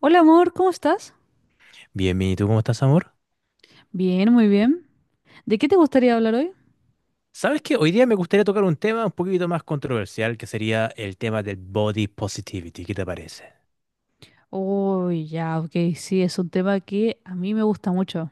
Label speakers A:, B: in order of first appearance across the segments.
A: Hola amor, ¿cómo estás?
B: Bien, bien, ¿y tú cómo estás, amor?
A: Bien, muy bien. ¿De qué te gustaría hablar hoy?
B: ¿Sabes que Hoy día me gustaría tocar un tema un poquito más controversial, que sería el tema del body positivity? ¿Qué te parece?
A: Oh, ya, ok, sí, es un tema que a mí me gusta mucho.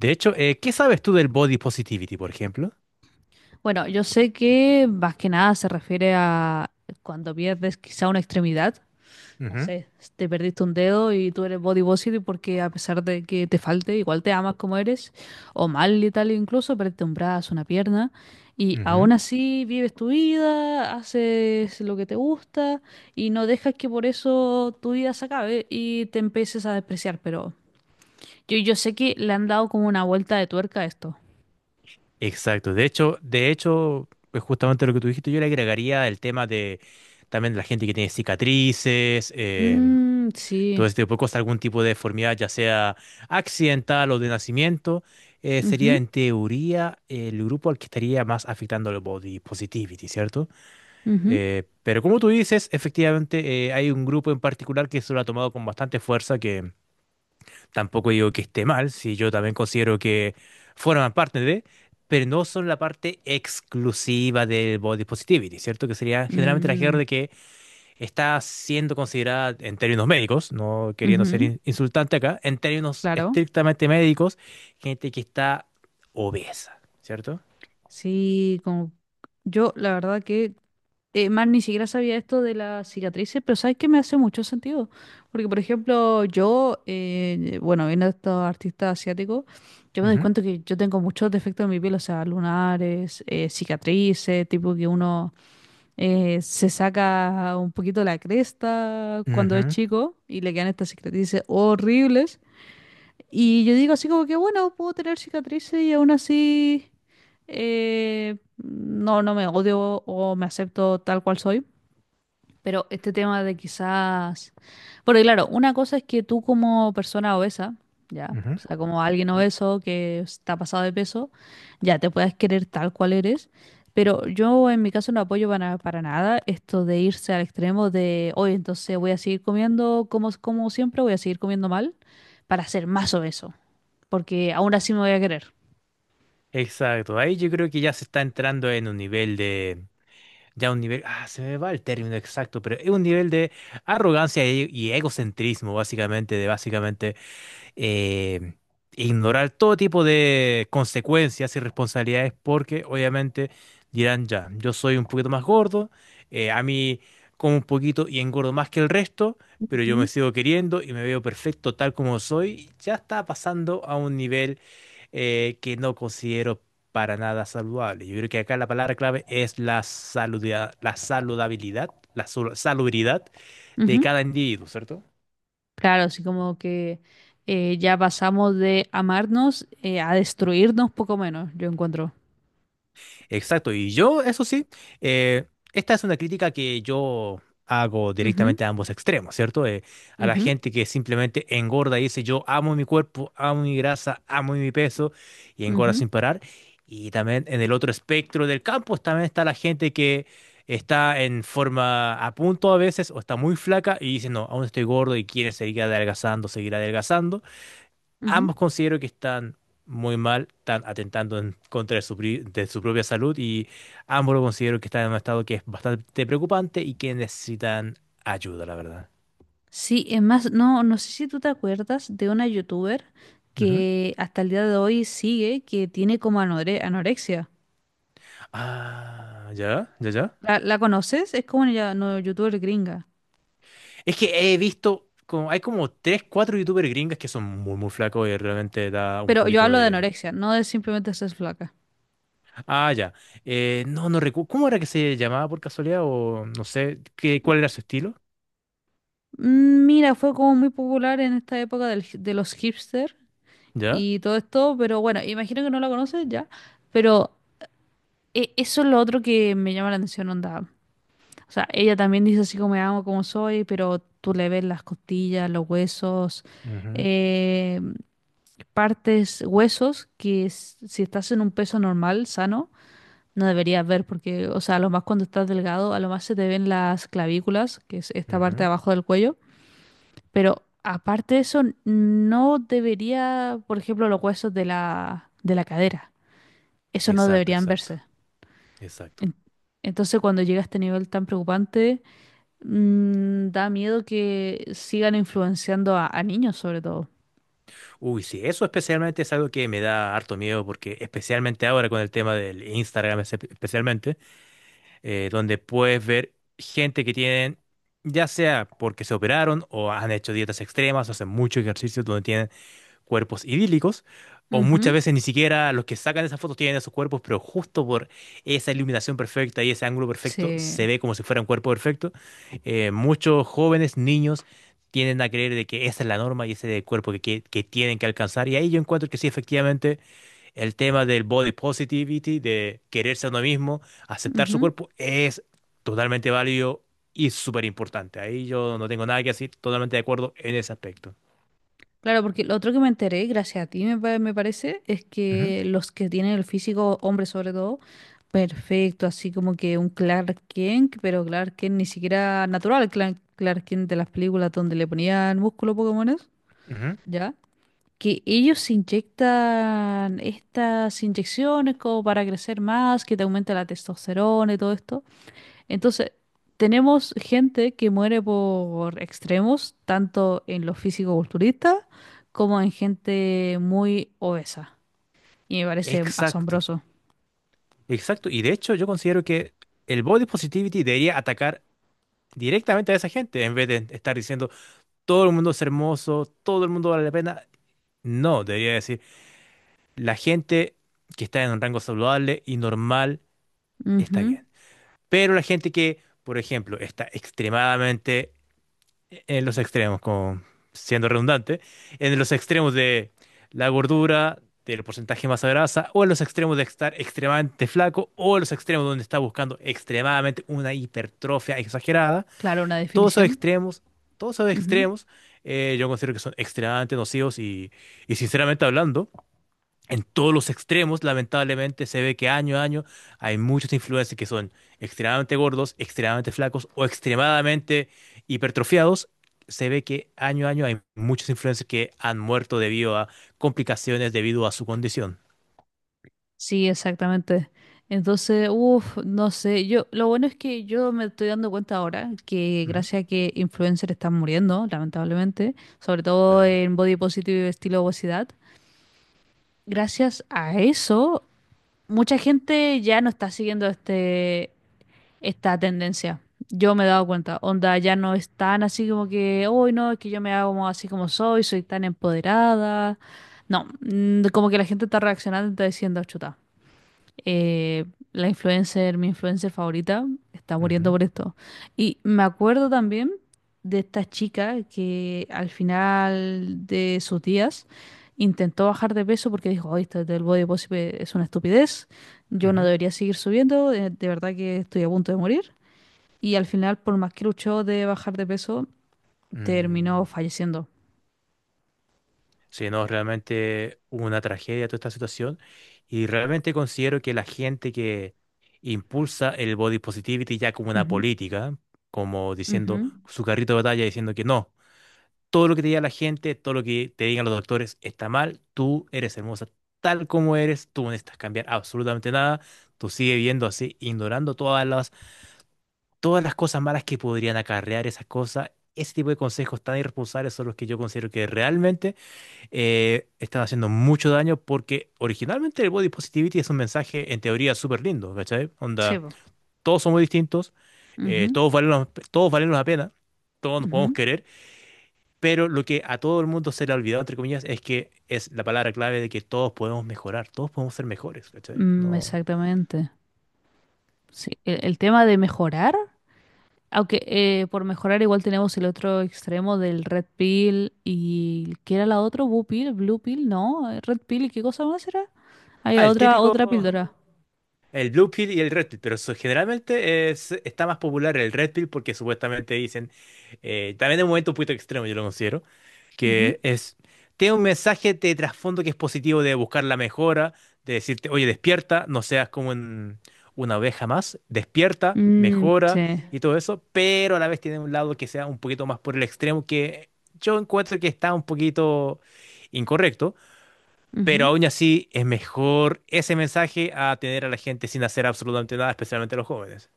B: De hecho, ¿qué sabes tú del body positivity, por ejemplo?
A: Bueno, yo sé que más que nada se refiere a cuando pierdes quizá una extremidad. No
B: Ujú,
A: sé, te perdiste un dedo y tú eres body positive porque a pesar de que te falte, igual te amas como eres, o mal y tal, incluso perdiste un brazo, una pierna, y aún
B: ujú.
A: así vives tu vida, haces lo que te gusta y no dejas que por eso tu vida se acabe y te empieces a despreciar, pero yo sé que le han dado como una vuelta de tuerca a esto.
B: Exacto. De hecho, pues justamente lo que tú dijiste, yo le agregaría el tema de también la gente que tiene cicatrices,
A: Mm, sí.
B: todo este tipo de cosas, algún tipo de deformidad, ya sea accidental o de nacimiento, sería
A: Ujú,
B: en teoría el grupo al que estaría más afectando el body positivity, ¿cierto?
A: ujú.
B: Pero como tú dices, efectivamente hay un grupo en particular que se lo ha tomado con bastante fuerza, que tampoco digo que esté mal, si yo también considero que forman parte de, pero no son la parte exclusiva del body positivity, ¿cierto? Que sería generalmente la
A: Mm,
B: gente que está siendo considerada en términos médicos, no queriendo ser
A: ujú.
B: insultante acá, en términos
A: Claro.
B: estrictamente médicos, gente que está obesa, cierto.
A: Sí, como yo la verdad que man, ni siquiera sabía esto de las cicatrices, pero sabes que me hace mucho sentido. Porque, por ejemplo, bueno, viendo a estos artistas asiáticos, yo me doy
B: Ujú,
A: cuenta que yo tengo muchos defectos en mi piel, o sea, lunares, cicatrices, tipo que uno se saca un poquito la cresta cuando es
B: ujú,
A: chico y le quedan estas cicatrices horribles. Y yo digo así como que, bueno, puedo tener cicatrices y aún así no, no me odio o me acepto tal cual soy. Pero este tema de quizás... Porque claro, una cosa es que tú como persona obesa, ya, o
B: ujú.
A: sea, como alguien obeso que está pasado de peso, ya te puedas querer tal cual eres. Pero yo en mi caso no apoyo para nada esto de irse al extremo de, oye, entonces voy a seguir comiendo como siempre, voy a seguir comiendo mal para ser más obeso porque aún así me voy a querer.
B: Exacto, ahí yo creo que ya se está entrando en un nivel de, ya un nivel, se me va el término exacto, pero es un nivel de arrogancia y, egocentrismo, básicamente, de básicamente eh, ignorar todo tipo de consecuencias y responsabilidades, porque obviamente dirán ya, yo soy un poquito más gordo, a mí como un poquito y engordo más que el resto, pero yo me
A: Ujú.
B: sigo queriendo y me veo perfecto tal como soy. Ya está pasando a un nivel que no considero para nada saludable. Yo creo que acá la palabra clave es la saludabilidad, salubridad de
A: Ujú.
B: cada individuo, ¿cierto?
A: Claro, así como que ya pasamos de amarnos a destruirnos poco menos, yo encuentro.
B: Exacto, y yo, eso sí, eh, esta es una crítica que yo hago
A: Ujú,
B: directamente a ambos extremos, ¿cierto? A la
A: ujú,
B: gente que simplemente engorda y dice, yo amo mi cuerpo, amo mi grasa, amo mi peso, y engorda
A: ujú,
B: sin parar. Y también en el otro espectro del campo también está la gente que está en forma a punto a veces o está muy flaca y dice, no, aún estoy gordo, y quiere seguir adelgazando, seguir adelgazando.
A: ujú.
B: Ambos considero que están muy mal, están atentando en contra de su, de su propia salud, y ambos lo considero que están en un estado que es bastante preocupante y que necesitan ayuda, la verdad.
A: Sí, es más, no, no sé si tú te acuerdas de una youtuber
B: Ujú.
A: que hasta el día de hoy sigue, que tiene como anorexia.
B: Ah, ya, ya, ya.
A: ¿La conoces? Es como una no, youtuber gringa.
B: Es que he visto, como, hay como tres, cuatro youtubers gringas que son muy, muy flacos y realmente da un
A: Pero yo
B: poquito
A: hablo de
B: de...
A: anorexia, no de simplemente ser flaca.
B: Ah, ya. No, no recuerdo. ¿Cómo era que se llamaba, por casualidad? O no sé, qué, ¿cuál era su estilo?
A: Mira, fue como muy popular en esta época de los hipster,
B: ¿Ya?
A: y todo esto, pero bueno, imagino que no la conoces ya, pero eso es lo otro que me llama la atención, onda. O sea, ella también dice así como me amo, como soy, pero tú le ves las costillas, los huesos,
B: Ujú,
A: eh, partes, huesos que si estás en un peso normal, sano, no deberías ver, porque, o sea, a lo más cuando estás delgado, a lo más se te ven las clavículas, que es esta parte de
B: ujú.
A: abajo del cuello, pero... Aparte de eso, no debería, por ejemplo, los huesos de la cadera. Eso no
B: Exacto,
A: deberían
B: exacto,
A: verse.
B: exacto.
A: En- Entonces, cuando llega a este nivel tan preocupante, da miedo que sigan influenciando a niños, sobre todo.
B: Uy, sí, eso especialmente es algo que me da harto miedo porque especialmente ahora con el tema del Instagram especialmente, donde puedes ver gente que tienen, ya sea porque se operaron o han hecho dietas extremas, hacen mucho ejercicio, donde tienen cuerpos idílicos, o muchas
A: Ujú.
B: veces ni siquiera los que sacan esas fotos tienen esos cuerpos, pero justo por esa iluminación perfecta y ese ángulo perfecto se
A: Sí.
B: ve como si fuera un cuerpo perfecto. Muchos jóvenes, niños, tienden a creer de que esa es la norma y ese es el cuerpo que tienen que alcanzar. Y ahí yo encuentro que sí, efectivamente, el tema del body positivity, de quererse a uno mismo, aceptar su
A: Ujú.
B: cuerpo, es totalmente válido y súper importante. Ahí yo no tengo nada que decir, totalmente de acuerdo en ese aspecto.
A: Claro, porque lo otro que me enteré, gracias a ti me parece, es
B: Ujú,
A: que los que tienen el físico, hombres sobre todo, perfecto, así como que un Clark Kent, pero Clark Kent ni siquiera natural, Clark Kent de las películas donde le ponían músculo Pokémones,
B: ujú.
A: ¿ya? Que ellos se inyectan estas inyecciones como para crecer más, que te aumenta la testosterona y todo esto. Entonces, tenemos gente que muere por extremos, tanto en los físico-culturistas como en gente muy obesa. Y me parece
B: Exacto,
A: asombroso.
B: exacto. Y de hecho yo considero que el body positivity debería atacar directamente a esa gente en vez de estar diciendo todo el mundo es hermoso, todo el mundo vale la pena. No, debería decir la gente que está en un rango saludable y normal está
A: Ujú.
B: bien. Pero la gente que, por ejemplo, está extremadamente en los extremos, como siendo redundante, en los extremos de la gordura, del porcentaje de masa grasa, o en los extremos de estar extremadamente flaco, o en los extremos donde está buscando extremadamente una hipertrofia exagerada.
A: Claro, una
B: Todos esos
A: definición.
B: extremos, todos esos
A: Ujú.
B: extremos, yo considero que son extremadamente nocivos y, sinceramente hablando, en todos los extremos, lamentablemente, se ve que año a año hay muchos influencers que son extremadamente gordos, extremadamente flacos o extremadamente hipertrofiados. Se ve que año a año hay muchos influencers que han muerto debido a complicaciones debido a su condición.
A: Sí, exactamente. Entonces, uff, no sé, yo, lo bueno es que yo me estoy dando cuenta ahora que
B: Ujú,
A: gracias a que influencers están muriendo, lamentablemente, sobre todo
B: claramente.
A: en body positive y estilo obesidad, gracias a eso, mucha gente ya no está siguiendo esta tendencia. Yo me he dado cuenta, onda, ya no es tan así como que, uy, no, es que yo me hago como así como soy, soy tan empoderada. No, como que la gente está reaccionando y está diciendo, chuta, eh, la influencer, mi influencer favorita, está muriendo
B: Ujú,
A: por esto. Y me acuerdo también de esta chica que al final de sus días intentó bajar de peso porque dijo: "Ay, esto del body positive es una estupidez, yo no
B: ujú,
A: debería seguir subiendo, de verdad que estoy a punto de morir." Y al final, por más que luchó de bajar de peso, terminó
B: mm.
A: falleciendo.
B: Sí, no, realmente hubo una tragedia toda esta situación y realmente considero que la gente que impulsa el body positivity ya como una
A: Ujú,
B: política, como diciendo
A: ujú.
B: su carrito de batalla, diciendo que no, todo lo que te diga la gente, todo lo que te digan los doctores está mal, tú eres hermosa tal como eres, tú no necesitas cambiar absolutamente nada, tú sigues viendo así, ignorando todas las cosas malas que podrían acarrear esas cosas. Ese tipo de consejos tan irresponsables son los que yo considero que realmente están haciendo mucho daño, porque originalmente el body positivity es un mensaje en teoría súper lindo, ¿cachai?
A: Sí,
B: Onda,
A: po.
B: todos somos distintos,
A: Ujú,
B: todos valemos la pena, todos nos podemos
A: ujú.
B: querer, pero lo que a todo el mundo se le ha olvidado, entre comillas, es que es la palabra clave de que todos podemos mejorar, todos podemos ser mejores, ¿cachai?
A: Mm,
B: No...
A: exactamente. Sí. El tema de mejorar. Aunque por mejorar igual tenemos el otro extremo del Red Pill. ¿Y qué era la otra? Blue Pill. Blue Pill, no, Red Pill. ¿Y qué cosa más era?
B: Ah,
A: Había
B: el
A: otra
B: típico,
A: otra píldora.
B: el Blue Pill y el Red Pill, pero generalmente es, está más popular el Red Pill porque supuestamente dicen, también es un momento un poquito extremo, yo lo considero,
A: Ujú.
B: que es, tiene un mensaje de trasfondo que es positivo de buscar la mejora, de decirte, oye, despierta, no seas como una oveja más, despierta,
A: Mm,
B: mejora
A: sí.
B: y todo eso, pero a la vez tiene un lado que sea un poquito más por el extremo que yo encuentro que está un poquito incorrecto, pero
A: Ujú.
B: aún así es mejor ese mensaje a tener a la gente sin hacer absolutamente nada, especialmente a los jóvenes.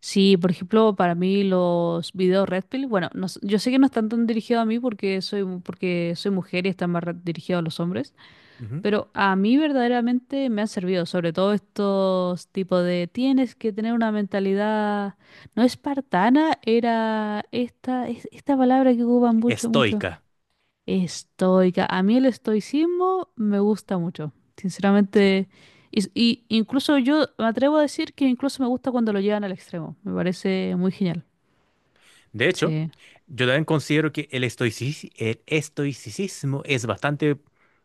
A: Sí, por ejemplo, para mí los videos Red Pill, bueno, no s- yo sé que no están tan dirigidos a mí porque porque soy mujer y están más dirigidos a los hombres,
B: Ujú.
A: pero a mí verdaderamente me han servido, sobre todo estos tipos de tienes que tener una mentalidad no espartana, era esta, esta palabra que ocupan mucho, mucho.
B: Estoica.
A: Estoica. A mí el estoicismo me gusta mucho,
B: Sí.
A: sinceramente. Y incluso yo me atrevo a decir que incluso me gusta cuando lo llevan al extremo. Me parece muy genial.
B: De hecho,
A: Sí.
B: yo también considero que el estoicismo es bastante,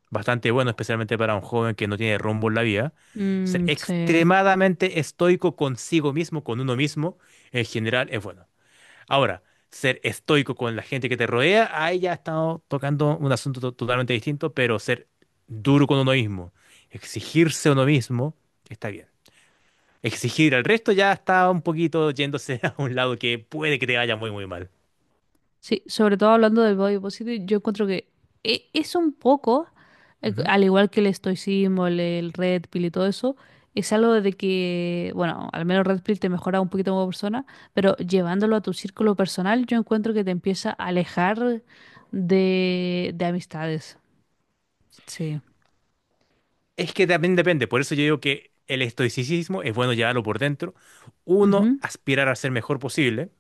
B: bastante bueno, especialmente para un joven que no tiene rumbo en la vida. Ser
A: Mm, sí.
B: extremadamente estoico consigo mismo, con uno mismo, en general es bueno. Ahora, ser estoico con la gente que te rodea, ahí ya estamos tocando un asunto totalmente distinto, pero ser duro con uno mismo, exigirse a uno mismo, está bien. Exigir al resto ya está un poquito yéndose a un lado que puede que te vaya muy, muy mal.
A: Sí, sobre todo hablando del body positive, yo encuentro que es un poco,
B: Ujú.
A: al igual que el estoicismo, el red pill y todo eso, es algo de que, bueno, al menos red pill te mejora un poquito como persona, pero llevándolo a tu círculo personal, yo encuentro que te empieza a alejar de amistades. Sí.
B: Es que también depende, por eso yo digo que el estoicismo es bueno llevarlo por dentro, uno aspirar a ser mejor posible,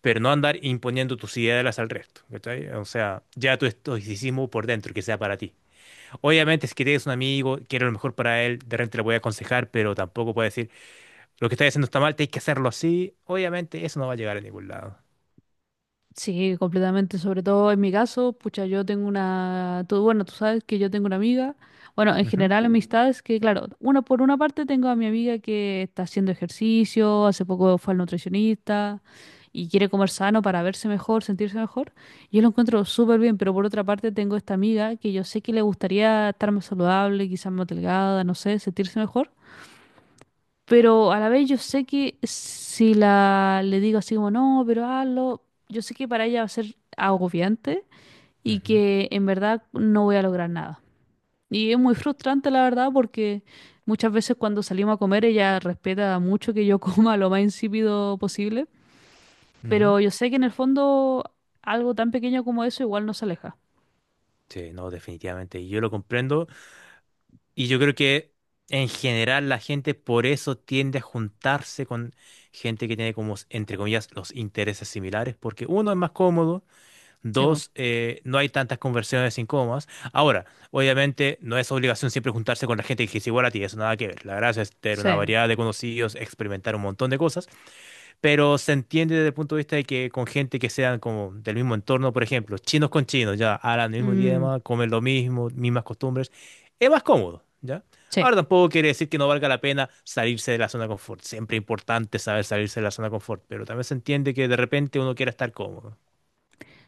B: pero no andar imponiendo tus ideas al resto, ¿cachai? O sea, ya tu estoicismo por dentro, que sea para ti. Obviamente, si tienes un amigo, quiero lo mejor para él, de repente le voy a aconsejar, pero tampoco puedo decir, lo que estás haciendo está mal, tienes que hacerlo así. Obviamente, eso no va a llegar a ningún lado.
A: Sí, completamente. Sobre todo en mi caso, pucha, yo tengo una, tú, bueno, tú sabes que yo tengo una amiga, bueno, en
B: Ujú,
A: general amistades que, claro, una por una parte tengo a mi amiga que está haciendo ejercicio, hace poco fue al nutricionista y quiere comer sano para verse mejor, sentirse mejor. Yo lo encuentro súper bien, pero por otra parte tengo esta amiga que yo sé que le gustaría estar más saludable, quizás más delgada, no sé, sentirse mejor. Pero a la vez yo sé que si la le digo así como no, pero hazlo, yo sé que para ella va a ser agobiante y
B: ujú,
A: que en verdad no voy a lograr nada. Y es muy frustrante la verdad porque muchas veces cuando salimos a comer ella respeta mucho que yo coma lo más insípido posible,
B: ujú.
A: pero yo sé que en el fondo algo tan pequeño como eso igual no se aleja.
B: Sí, no, definitivamente. Y yo lo comprendo. Y yo creo que en general la gente por eso tiende a juntarse con gente que tiene como, entre comillas, los intereses similares, porque uno es más cómodo.
A: Sí, po.
B: Dos, no hay tantas conversiones sin... Ahora, obviamente, no es obligación siempre juntarse con la gente que es igual a ti, eso nada que ver. La gracia es tener una
A: Sí.
B: variedad de conocidos, experimentar un montón de cosas, pero se entiende desde el punto de vista de que con gente que sean como del mismo entorno, por ejemplo, chinos con chinos, ya hablan el mismo
A: Mm,
B: idioma, comen lo mismo, mismas costumbres, es más cómodo, ¿ya?
A: sí.
B: Ahora tampoco quiere decir que no valga la pena salirse de la zona de confort. Siempre es importante saber salirse de la zona de confort, pero también se entiende que de repente uno quiera estar cómodo.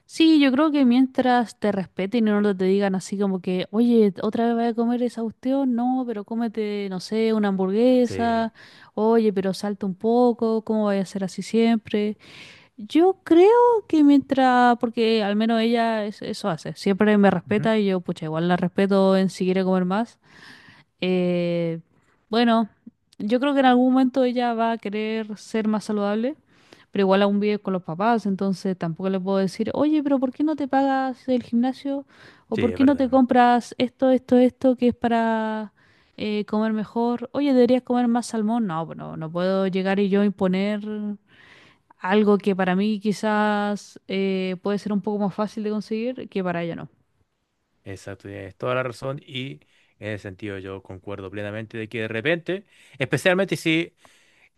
A: Sí, yo creo que mientras te respeten y no te digan así como que, oye, otra vez vas a comer esa cuestión, no, pero cómete, no sé, una
B: Sí.
A: hamburguesa, oye, pero salta un poco, ¿cómo vaya a ser así siempre? Yo creo que mientras, porque al menos ella eso hace, siempre me respeta y yo, pucha, igual la respeto en si quiere comer más, eh, bueno, yo creo que en algún momento ella va a querer ser más saludable, pero igual aún vive con los papás, entonces tampoco le puedo decir, oye, pero ¿por qué no te pagas el gimnasio? ¿O
B: Sí,
A: por
B: es
A: qué no te
B: verdad.
A: compras esto, esto, esto que es para comer mejor? Oye, deberías comer más salmón. No, pues no, no puedo llegar y yo imponer algo que para mí quizás puede ser un poco más fácil de conseguir que para ella no.
B: Exacto, tienes toda la razón y en ese sentido yo concuerdo plenamente de que de repente, especialmente si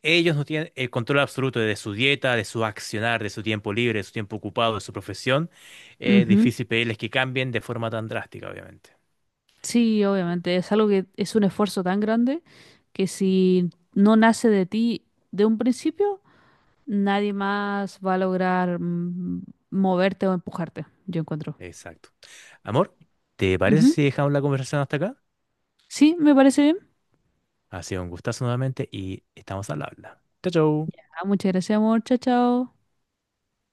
B: ellos no tienen el control absoluto de su dieta, de su accionar, de su tiempo libre, de su tiempo ocupado, de su profesión, es
A: Ujú.
B: difícil pedirles que cambien de forma tan drástica, obviamente.
A: Sí, obviamente, es algo que es un esfuerzo tan grande que si no nace de ti de un principio, nadie más va a lograr moverte o empujarte, yo encuentro.
B: Exacto. Amor, ¿te parece
A: Ujú.
B: si dejamos la conversación hasta acá?
A: Sí, me parece bien.
B: Ha sido un gustazo nuevamente y estamos al habla. Chao, chao.
A: Ah, muchas gracias, amor. Chao, chao.